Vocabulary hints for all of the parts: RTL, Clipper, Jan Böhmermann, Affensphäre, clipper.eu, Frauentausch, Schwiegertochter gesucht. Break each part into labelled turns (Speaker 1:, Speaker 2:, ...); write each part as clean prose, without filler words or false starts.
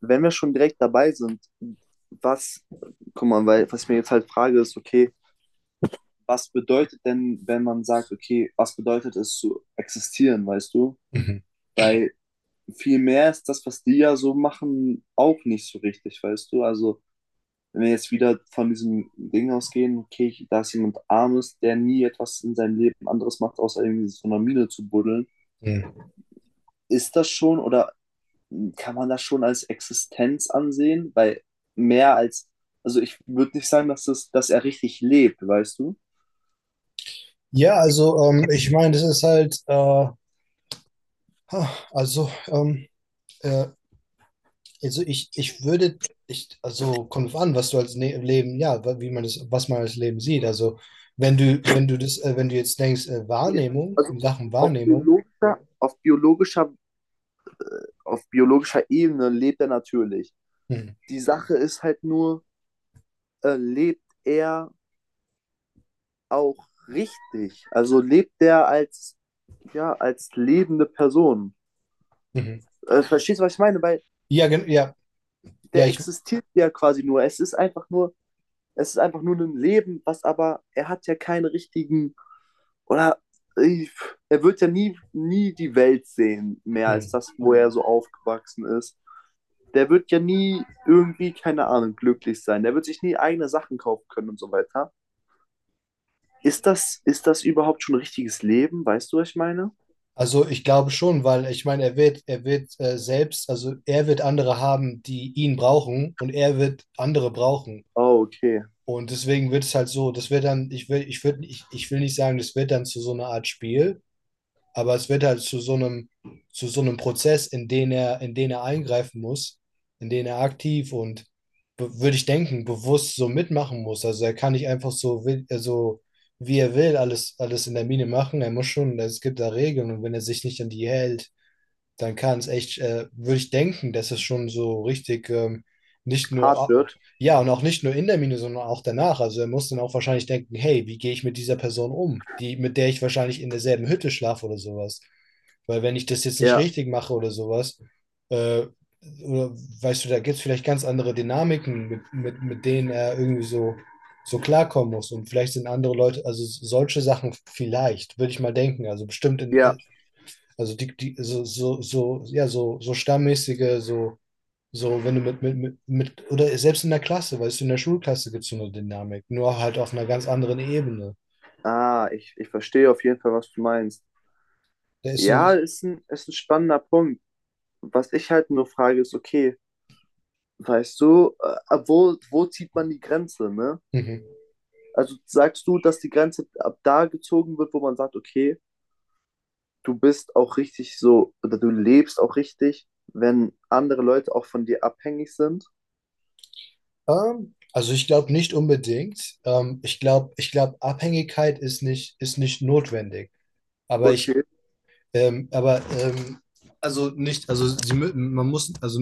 Speaker 1: Wenn wir schon direkt dabei sind, was, guck mal, weil was ich mir jetzt halt frage, ist, okay, was bedeutet denn, wenn man sagt, okay, was bedeutet es zu existieren, weißt du?
Speaker 2: Mhm.
Speaker 1: Weil viel mehr ist das, was die ja so machen, auch nicht so richtig, weißt du? Also, wenn wir jetzt wieder von diesem Ding ausgehen, okay, da ist jemand Armes, der nie etwas in seinem Leben anderes macht, außer irgendwie in so einer Mine zu buddeln,
Speaker 2: Mhm.
Speaker 1: ist das schon oder kann man das schon als Existenz ansehen? Weil mehr als, also ich würde nicht sagen, dass er richtig lebt, weißt du?
Speaker 2: Ja, also ich meine, das ist halt, also, ähm, äh, also ich würde, also kommt drauf an, was du als ne Leben, ja, wie man das, was man als Leben sieht. Also wenn du das, wenn du jetzt denkst, Wahrnehmung,
Speaker 1: Also
Speaker 2: in Sachen
Speaker 1: auf
Speaker 2: Wahrnehmung,
Speaker 1: biologischer, auf biologischer, auf biologischer Ebene lebt er natürlich.
Speaker 2: mhm.
Speaker 1: Die Sache ist halt nur, lebt er auch richtig? Also lebt er als, ja, als lebende Person?
Speaker 2: Mhm.
Speaker 1: Verstehst du, was ich meine? Weil
Speaker 2: Ja, ja, ja,
Speaker 1: der
Speaker 2: ich,
Speaker 1: existiert ja quasi nur. Es ist einfach nur ein Leben, was aber, er hat ja keinen richtigen, oder äh, er wird ja nie, nie die Welt sehen, mehr als
Speaker 2: mhm.
Speaker 1: das, wo er so aufgewachsen ist. Der wird ja nie irgendwie, keine Ahnung, glücklich sein. Der wird sich nie eigene Sachen kaufen können und so weiter. Ist das überhaupt schon richtiges Leben? Weißt du, was ich meine?
Speaker 2: Also ich glaube schon, weil ich meine, er wird selbst, also er wird andere haben, die ihn brauchen und er wird andere brauchen.
Speaker 1: Oh, okay.
Speaker 2: Und deswegen wird es halt so, das wird dann, ich will, ich würde, ich will nicht sagen, das wird dann zu so einer Art Spiel, aber es wird halt zu so einem Prozess, in den er eingreifen muss, in den er aktiv und würde ich denken, bewusst so mitmachen muss. Also er kann nicht einfach so, also wie er will, alles in der Mine machen. Er muss schon, es gibt da Regeln und wenn er sich nicht an die hält, dann kann es echt, würde ich denken, dass es schon so richtig nicht nur
Speaker 1: Hart
Speaker 2: ab,
Speaker 1: wird.
Speaker 2: ja, und auch nicht nur in der Mine, sondern auch danach. Also er muss dann auch wahrscheinlich denken, hey, wie gehe ich mit dieser Person um, die, mit der ich wahrscheinlich in derselben Hütte schlafe oder sowas. Weil wenn ich das jetzt nicht
Speaker 1: Ja,
Speaker 2: richtig mache oder sowas, äh, oder, weißt du, da gibt es vielleicht ganz andere Dynamiken, mit denen er irgendwie so, so klarkommen muss. Und vielleicht sind andere Leute, also solche Sachen vielleicht, würde ich mal denken. Also bestimmt in,
Speaker 1: ja.
Speaker 2: also so, so stammmäßige, so, so, wenn du mit, oder selbst in der Klasse, weißt du, in der Schulklasse gibt es so eine Dynamik, nur halt auf einer ganz anderen Ebene.
Speaker 1: Ah, ich verstehe auf jeden Fall, was du meinst.
Speaker 2: Der ist so,
Speaker 1: Ja, ist ein spannender Punkt. Was ich halt nur frage, ist, okay, weißt du, ab wo, wo zieht man die Grenze, ne?
Speaker 2: mhm.
Speaker 1: Also sagst du, dass die Grenze ab da gezogen wird, wo man sagt, okay, du bist auch richtig so, oder du lebst auch richtig, wenn andere Leute auch von dir abhängig sind?
Speaker 2: Also ich glaube nicht unbedingt. Ich glaube, Abhängigkeit ist nicht notwendig. Aber ich,
Speaker 1: Okay,
Speaker 2: Ähm, aber ähm, also nicht, also man muss, also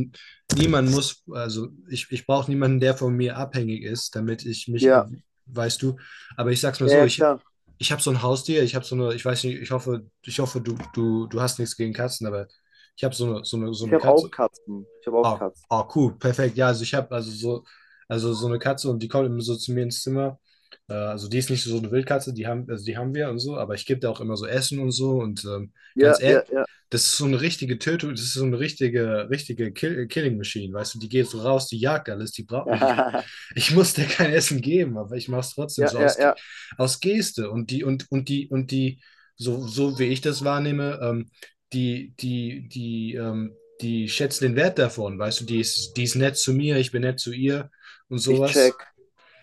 Speaker 2: niemand muss, ich brauche niemanden, der von mir abhängig ist, damit ich mich,
Speaker 1: ja,
Speaker 2: weißt du, aber ich sag's mal
Speaker 1: ja,
Speaker 2: so,
Speaker 1: ja,
Speaker 2: ich,
Speaker 1: klar.
Speaker 2: ich habe so ein Haustier, ich habe so eine, ich weiß nicht, ich hoffe, du hast nichts gegen Katzen, aber ich habe so eine, so
Speaker 1: Ich
Speaker 2: eine
Speaker 1: habe auch
Speaker 2: Katze.
Speaker 1: Katzen. Ich habe auch
Speaker 2: Ah,
Speaker 1: Katzen.
Speaker 2: ah, cool, perfekt. Ja, also ich habe also so eine Katze und die kommt immer so zu mir ins Zimmer. Also die ist nicht so eine Wildkatze, die haben, also die haben wir und so, aber ich gebe da auch immer so Essen und so. Und ganz
Speaker 1: Ja, ja,
Speaker 2: ehrlich,
Speaker 1: ja.
Speaker 2: das ist so eine richtige Tötung, das ist so eine richtige, richtige Killing Machine, weißt du, die geht so raus, die jagt alles, die braucht nicht. Ich muss der kein Essen geben, aber ich mache es trotzdem
Speaker 1: Ja,
Speaker 2: so
Speaker 1: ja,
Speaker 2: aus,
Speaker 1: ja.
Speaker 2: aus Geste. Und die, und die, so, so wie ich das wahrnehme, die, die, die, ähm, die schätzt den Wert davon, weißt du, die ist nett zu mir, ich bin nett zu ihr und
Speaker 1: Ich check.
Speaker 2: sowas.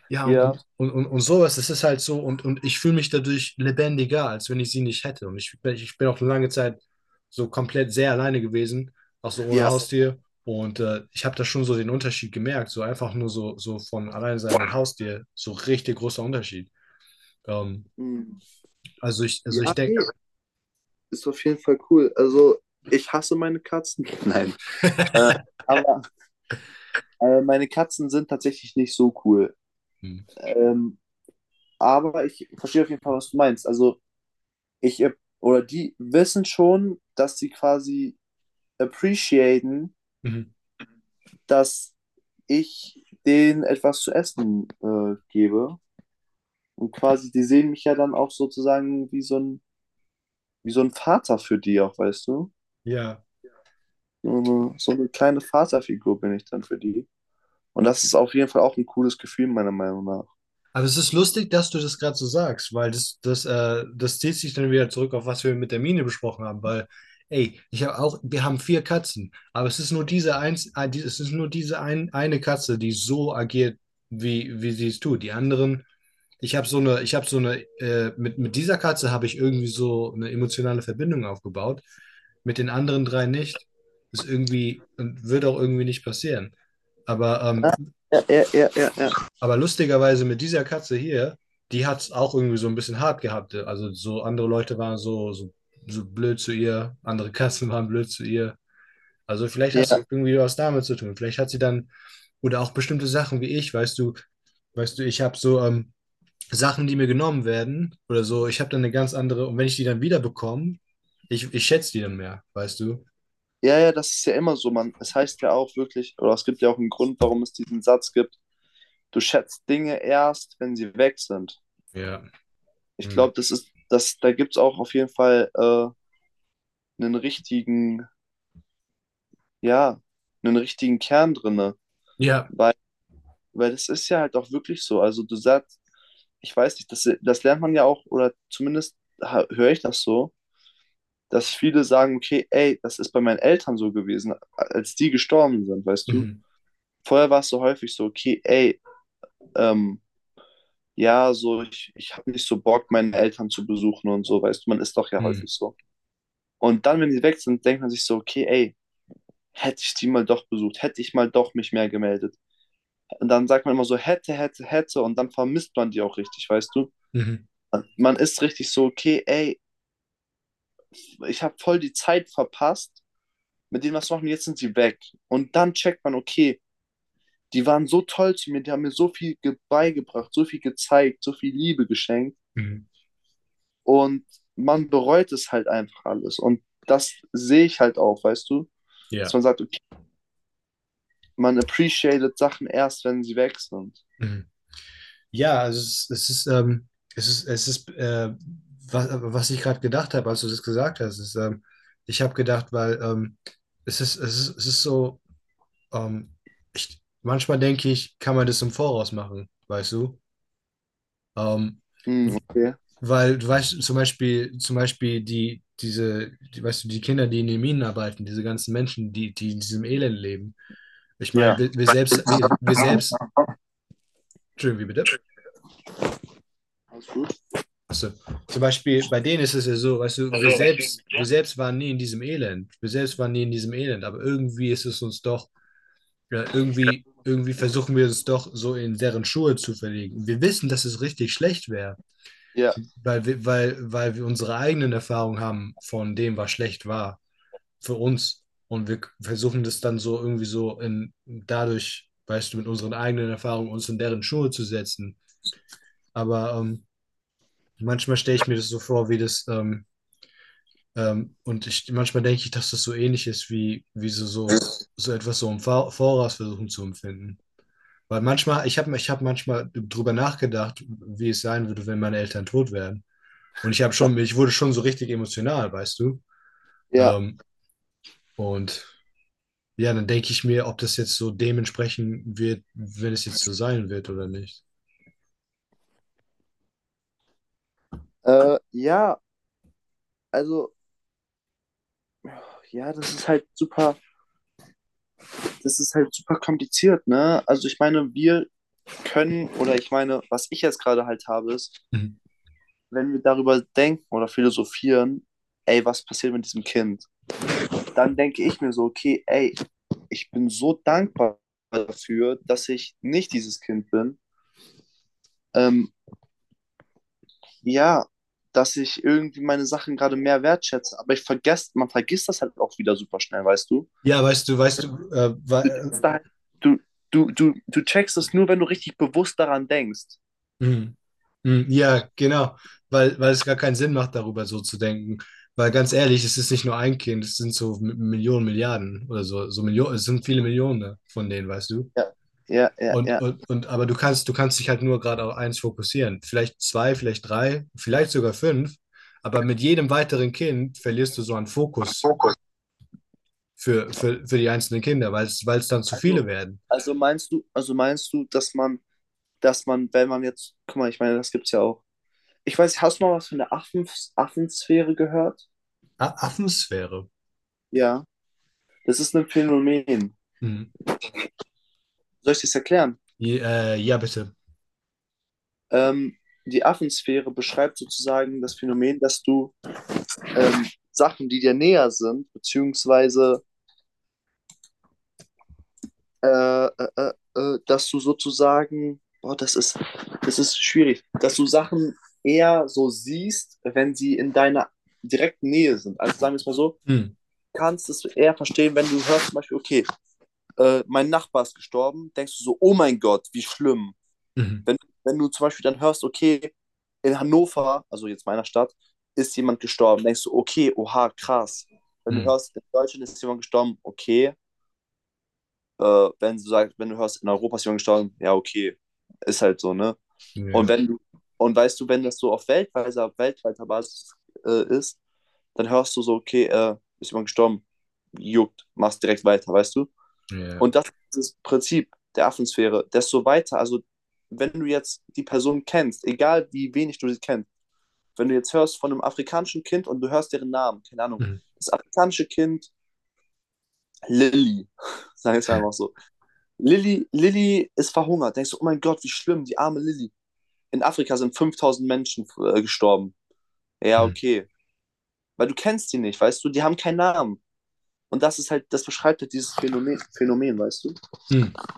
Speaker 2: Ja,
Speaker 1: Ja,
Speaker 2: und sowas, das ist halt so, und ich fühle mich dadurch lebendiger, als wenn ich sie nicht hätte. Und ich bin auch eine lange Zeit so komplett sehr alleine gewesen, auch so ohne
Speaker 1: ja.
Speaker 2: Haustier. Und ich habe da schon so den Unterschied gemerkt, so einfach nur so, so von alleine sein mit Haustier, so richtig großer Unterschied. Ähm,
Speaker 1: Hm.
Speaker 2: also ich
Speaker 1: Ja, nee,
Speaker 2: denke,
Speaker 1: ist auf jeden Fall cool. Also, ich hasse meine Katzen. Nein. Äh, aber meine Katzen sind tatsächlich nicht so cool. Ähm, aber ich verstehe auf jeden Fall, was du meinst. Also ich oder die wissen schon, dass sie quasi appreciaten, dass ich denen etwas zu essen gebe. Und quasi, die sehen mich ja dann auch sozusagen wie so ein Vater für die auch, weißt du?
Speaker 2: ja.
Speaker 1: So eine kleine Vaterfigur bin ich dann für die. Und das ist auf jeden Fall auch ein cooles Gefühl, meiner Meinung nach.
Speaker 2: Aber es ist lustig, dass du das gerade so sagst, weil das zieht sich dann wieder zurück auf was wir mit der Mine besprochen haben, weil, ey, ich habe auch, wir haben vier Katzen, aber es ist nur diese eins, es ist nur eine Katze, die so agiert, wie sie es tut. Die anderen, ich habe so eine, ich habe so eine, mit dieser Katze habe ich irgendwie so eine emotionale Verbindung aufgebaut, mit den anderen drei nicht. Ist irgendwie und wird auch irgendwie nicht passieren. Aber ähm,
Speaker 1: Ja, ja, ja, ja, ja.
Speaker 2: aber lustigerweise mit dieser Katze hier, die hat es auch irgendwie so ein bisschen hart gehabt. Also so andere Leute waren so blöd zu ihr, andere Katzen waren blöd zu ihr. Also vielleicht
Speaker 1: Ja,
Speaker 2: hast du irgendwie was damit zu tun. Vielleicht hat sie dann, oder auch bestimmte Sachen wie ich, weißt du, ich habe so Sachen, die mir genommen werden oder so, ich habe dann eine ganz andere, und wenn ich die dann wieder bekomme, ich schätze die dann mehr, weißt du?
Speaker 1: ja, ja, das ist ja immer so, man. Es heißt ja auch wirklich, oder es gibt ja auch einen Grund, warum es diesen Satz gibt, du schätzt Dinge erst, wenn sie weg sind.
Speaker 2: Ja.
Speaker 1: Ich
Speaker 2: Hm.
Speaker 1: glaube, da gibt es auch auf jeden Fall einen richtigen, ja, einen richtigen Kern drinne.
Speaker 2: Ja.
Speaker 1: Weil das ist ja halt auch wirklich so. Also du sagst, ich weiß nicht, das lernt man ja auch, oder zumindest höre ich das so, dass viele sagen, okay, ey, das ist bei meinen Eltern so gewesen, als die gestorben sind, weißt du?
Speaker 2: Mhm.
Speaker 1: Vorher war es so häufig so, okay, ey, ähm, ja, so, ich habe nicht so Bock, meine Eltern zu besuchen und so, weißt du, man ist doch ja
Speaker 2: Mhm.
Speaker 1: häufig so. Und dann, wenn die weg sind, denkt man sich so, okay, ey, hätte ich die mal doch besucht, hätte ich mal doch mich mehr gemeldet. Und dann sagt man immer so, hätte, hätte, hätte, und dann vermisst man die auch richtig, weißt du?
Speaker 2: Mhm.
Speaker 1: Man ist richtig so, okay, ey, ich habe voll die Zeit verpasst, mit denen was machen, jetzt sind sie weg. Und dann checkt man, okay, die waren so toll zu mir, die haben mir so viel beigebracht, so viel gezeigt, so viel Liebe geschenkt.
Speaker 2: Mhm.
Speaker 1: Und man bereut es halt einfach alles. Und das sehe ich halt auch, weißt du? Dass
Speaker 2: Ja.
Speaker 1: man sagt, okay, man appreciated Sachen erst, wenn sie weg sind.
Speaker 2: Mhm. Ja, also es ist, was, was ich gerade gedacht habe, als du das gesagt hast, ist, ich habe gedacht, weil es ist so, ähm, manchmal denke ich, kann man das im Voraus machen, weißt du? Ähm,
Speaker 1: Hm,
Speaker 2: w-
Speaker 1: okay.
Speaker 2: weil du weißt, zum Beispiel, die, weißt du, die Kinder, die in den Minen arbeiten, diese ganzen Menschen, die in diesem Elend leben. Ich meine,
Speaker 1: Ja.
Speaker 2: wir, wir
Speaker 1: Yeah.
Speaker 2: selbst, Entschuldigung, wie bitte?
Speaker 1: Alles gut?
Speaker 2: Klasse. Zum Beispiel bei denen ist es ja so, weißt du,
Speaker 1: Also, was ist mit
Speaker 2: wir
Speaker 1: dir?
Speaker 2: selbst waren nie in diesem Elend. Wir selbst waren nie in diesem Elend, aber irgendwie ist es uns doch, ja, irgendwie versuchen wir uns doch so in deren Schuhe zu verlegen. Wir wissen, dass es richtig schlecht wäre,
Speaker 1: Ja,
Speaker 2: weil wir unsere eigenen Erfahrungen haben von dem, was schlecht war für uns. Und wir versuchen das dann so irgendwie so in, dadurch, weißt du, mit unseren eigenen Erfahrungen uns in deren Schuhe zu setzen. Aber manchmal stelle ich mir das so vor, wie das, und ich, manchmal denke ich, dass das so ähnlich ist, so etwas so im Voraus versuchen zu empfinden. Weil manchmal, ich hab manchmal drüber nachgedacht, wie es sein würde, wenn meine Eltern tot wären. Und ich wurde schon so richtig emotional, weißt du?
Speaker 1: ja.
Speaker 2: Ähm, und ja, dann denke ich mir, ob das jetzt so dementsprechend wird, wenn es jetzt so sein wird oder nicht.
Speaker 1: Ja, also, ja, das ist halt super kompliziert, ne? Also ich meine, wir können, oder ich meine, was ich jetzt gerade halt habe, ist,
Speaker 2: Mhm.
Speaker 1: wenn wir darüber denken oder philosophieren, ey, was passiert mit diesem Kind? Dann denke ich mir so, okay, ey, ich bin so dankbar dafür, dass ich nicht dieses Kind bin. Ähm, ja, dass ich irgendwie meine Sachen gerade mehr wertschätze. Aber ich vergesse, man vergisst das halt auch wieder super schnell, weißt du?
Speaker 2: Ja, weißt du,
Speaker 1: Du denkst da halt, du, du checkst es nur, wenn du richtig bewusst daran denkst.
Speaker 2: mhm. Mhm. Ja, genau, weil es gar keinen Sinn macht, darüber so zu denken. Weil ganz ehrlich, es ist nicht nur ein Kind, es sind so Millionen, Milliarden oder so, so Millionen, es sind viele Millionen von denen, weißt du?
Speaker 1: Ja, ja, ja,
Speaker 2: Und,
Speaker 1: ja.
Speaker 2: aber du kannst dich halt nur gerade auf eins fokussieren. Vielleicht zwei, vielleicht drei, vielleicht sogar fünf. Aber mit jedem weiteren Kind verlierst du so einen Fokus für die einzelnen Kinder, weil es dann zu
Speaker 1: Also,
Speaker 2: viele werden.
Speaker 1: also meinst du, dass man, wenn man jetzt, guck mal, ich meine, das gibt's ja auch. Ich weiß, hast du mal was von der Affensphäre gehört?
Speaker 2: A Affensphäre.
Speaker 1: Ja. Das ist ein Phänomen.
Speaker 2: Mhm.
Speaker 1: Soll ich das erklären?
Speaker 2: Ja, ja, bitte.
Speaker 1: Ähm, Die Affensphäre beschreibt sozusagen das Phänomen, dass du Sachen, die dir näher sind, beziehungsweise äh, dass du sozusagen, boah, das ist schwierig, dass du Sachen eher so siehst, wenn sie in deiner direkten Nähe sind. Also sagen wir es mal so,
Speaker 2: Mhm.
Speaker 1: kannst es eher verstehen, wenn du hörst zum Beispiel, okay, mein Nachbar ist gestorben, denkst du so, oh mein Gott, wie schlimm.
Speaker 2: Mhm.
Speaker 1: Wenn, wenn du zum Beispiel dann hörst, okay, in Hannover, also jetzt meiner Stadt, ist jemand gestorben, denkst du, okay, oha, krass. Wenn du
Speaker 2: Mhm.
Speaker 1: hörst, in Deutschland ist jemand gestorben, okay. Wenn du sagst, wenn du hörst, in Europa ist jemand gestorben, ja, okay. Ist halt so, ne? Und
Speaker 2: Ja.
Speaker 1: wenn du, und weißt du, wenn das so auf weltweiter Basis ist, dann hörst du so, okay, ist jemand gestorben, juckt, machst direkt weiter, weißt du?
Speaker 2: Ja.
Speaker 1: Und das ist das Prinzip der Affensphäre. Desto weiter, also wenn du jetzt die Person kennst, egal wie wenig du sie kennst, wenn du jetzt hörst von einem afrikanischen Kind und du hörst deren Namen, keine Ahnung,
Speaker 2: Mhm.
Speaker 1: das afrikanische Kind Lilly, sag ich einfach so. Lilly ist verhungert. Denkst du, oh mein Gott, wie schlimm, die arme Lilly. In Afrika sind 5000 Menschen gestorben. Ja,
Speaker 2: Mhm.
Speaker 1: okay. Weil du kennst die nicht, weißt du, die haben keinen Namen. Und das ist halt, das beschreibt halt dieses Phänomen, weißt du?
Speaker 2: Mhm.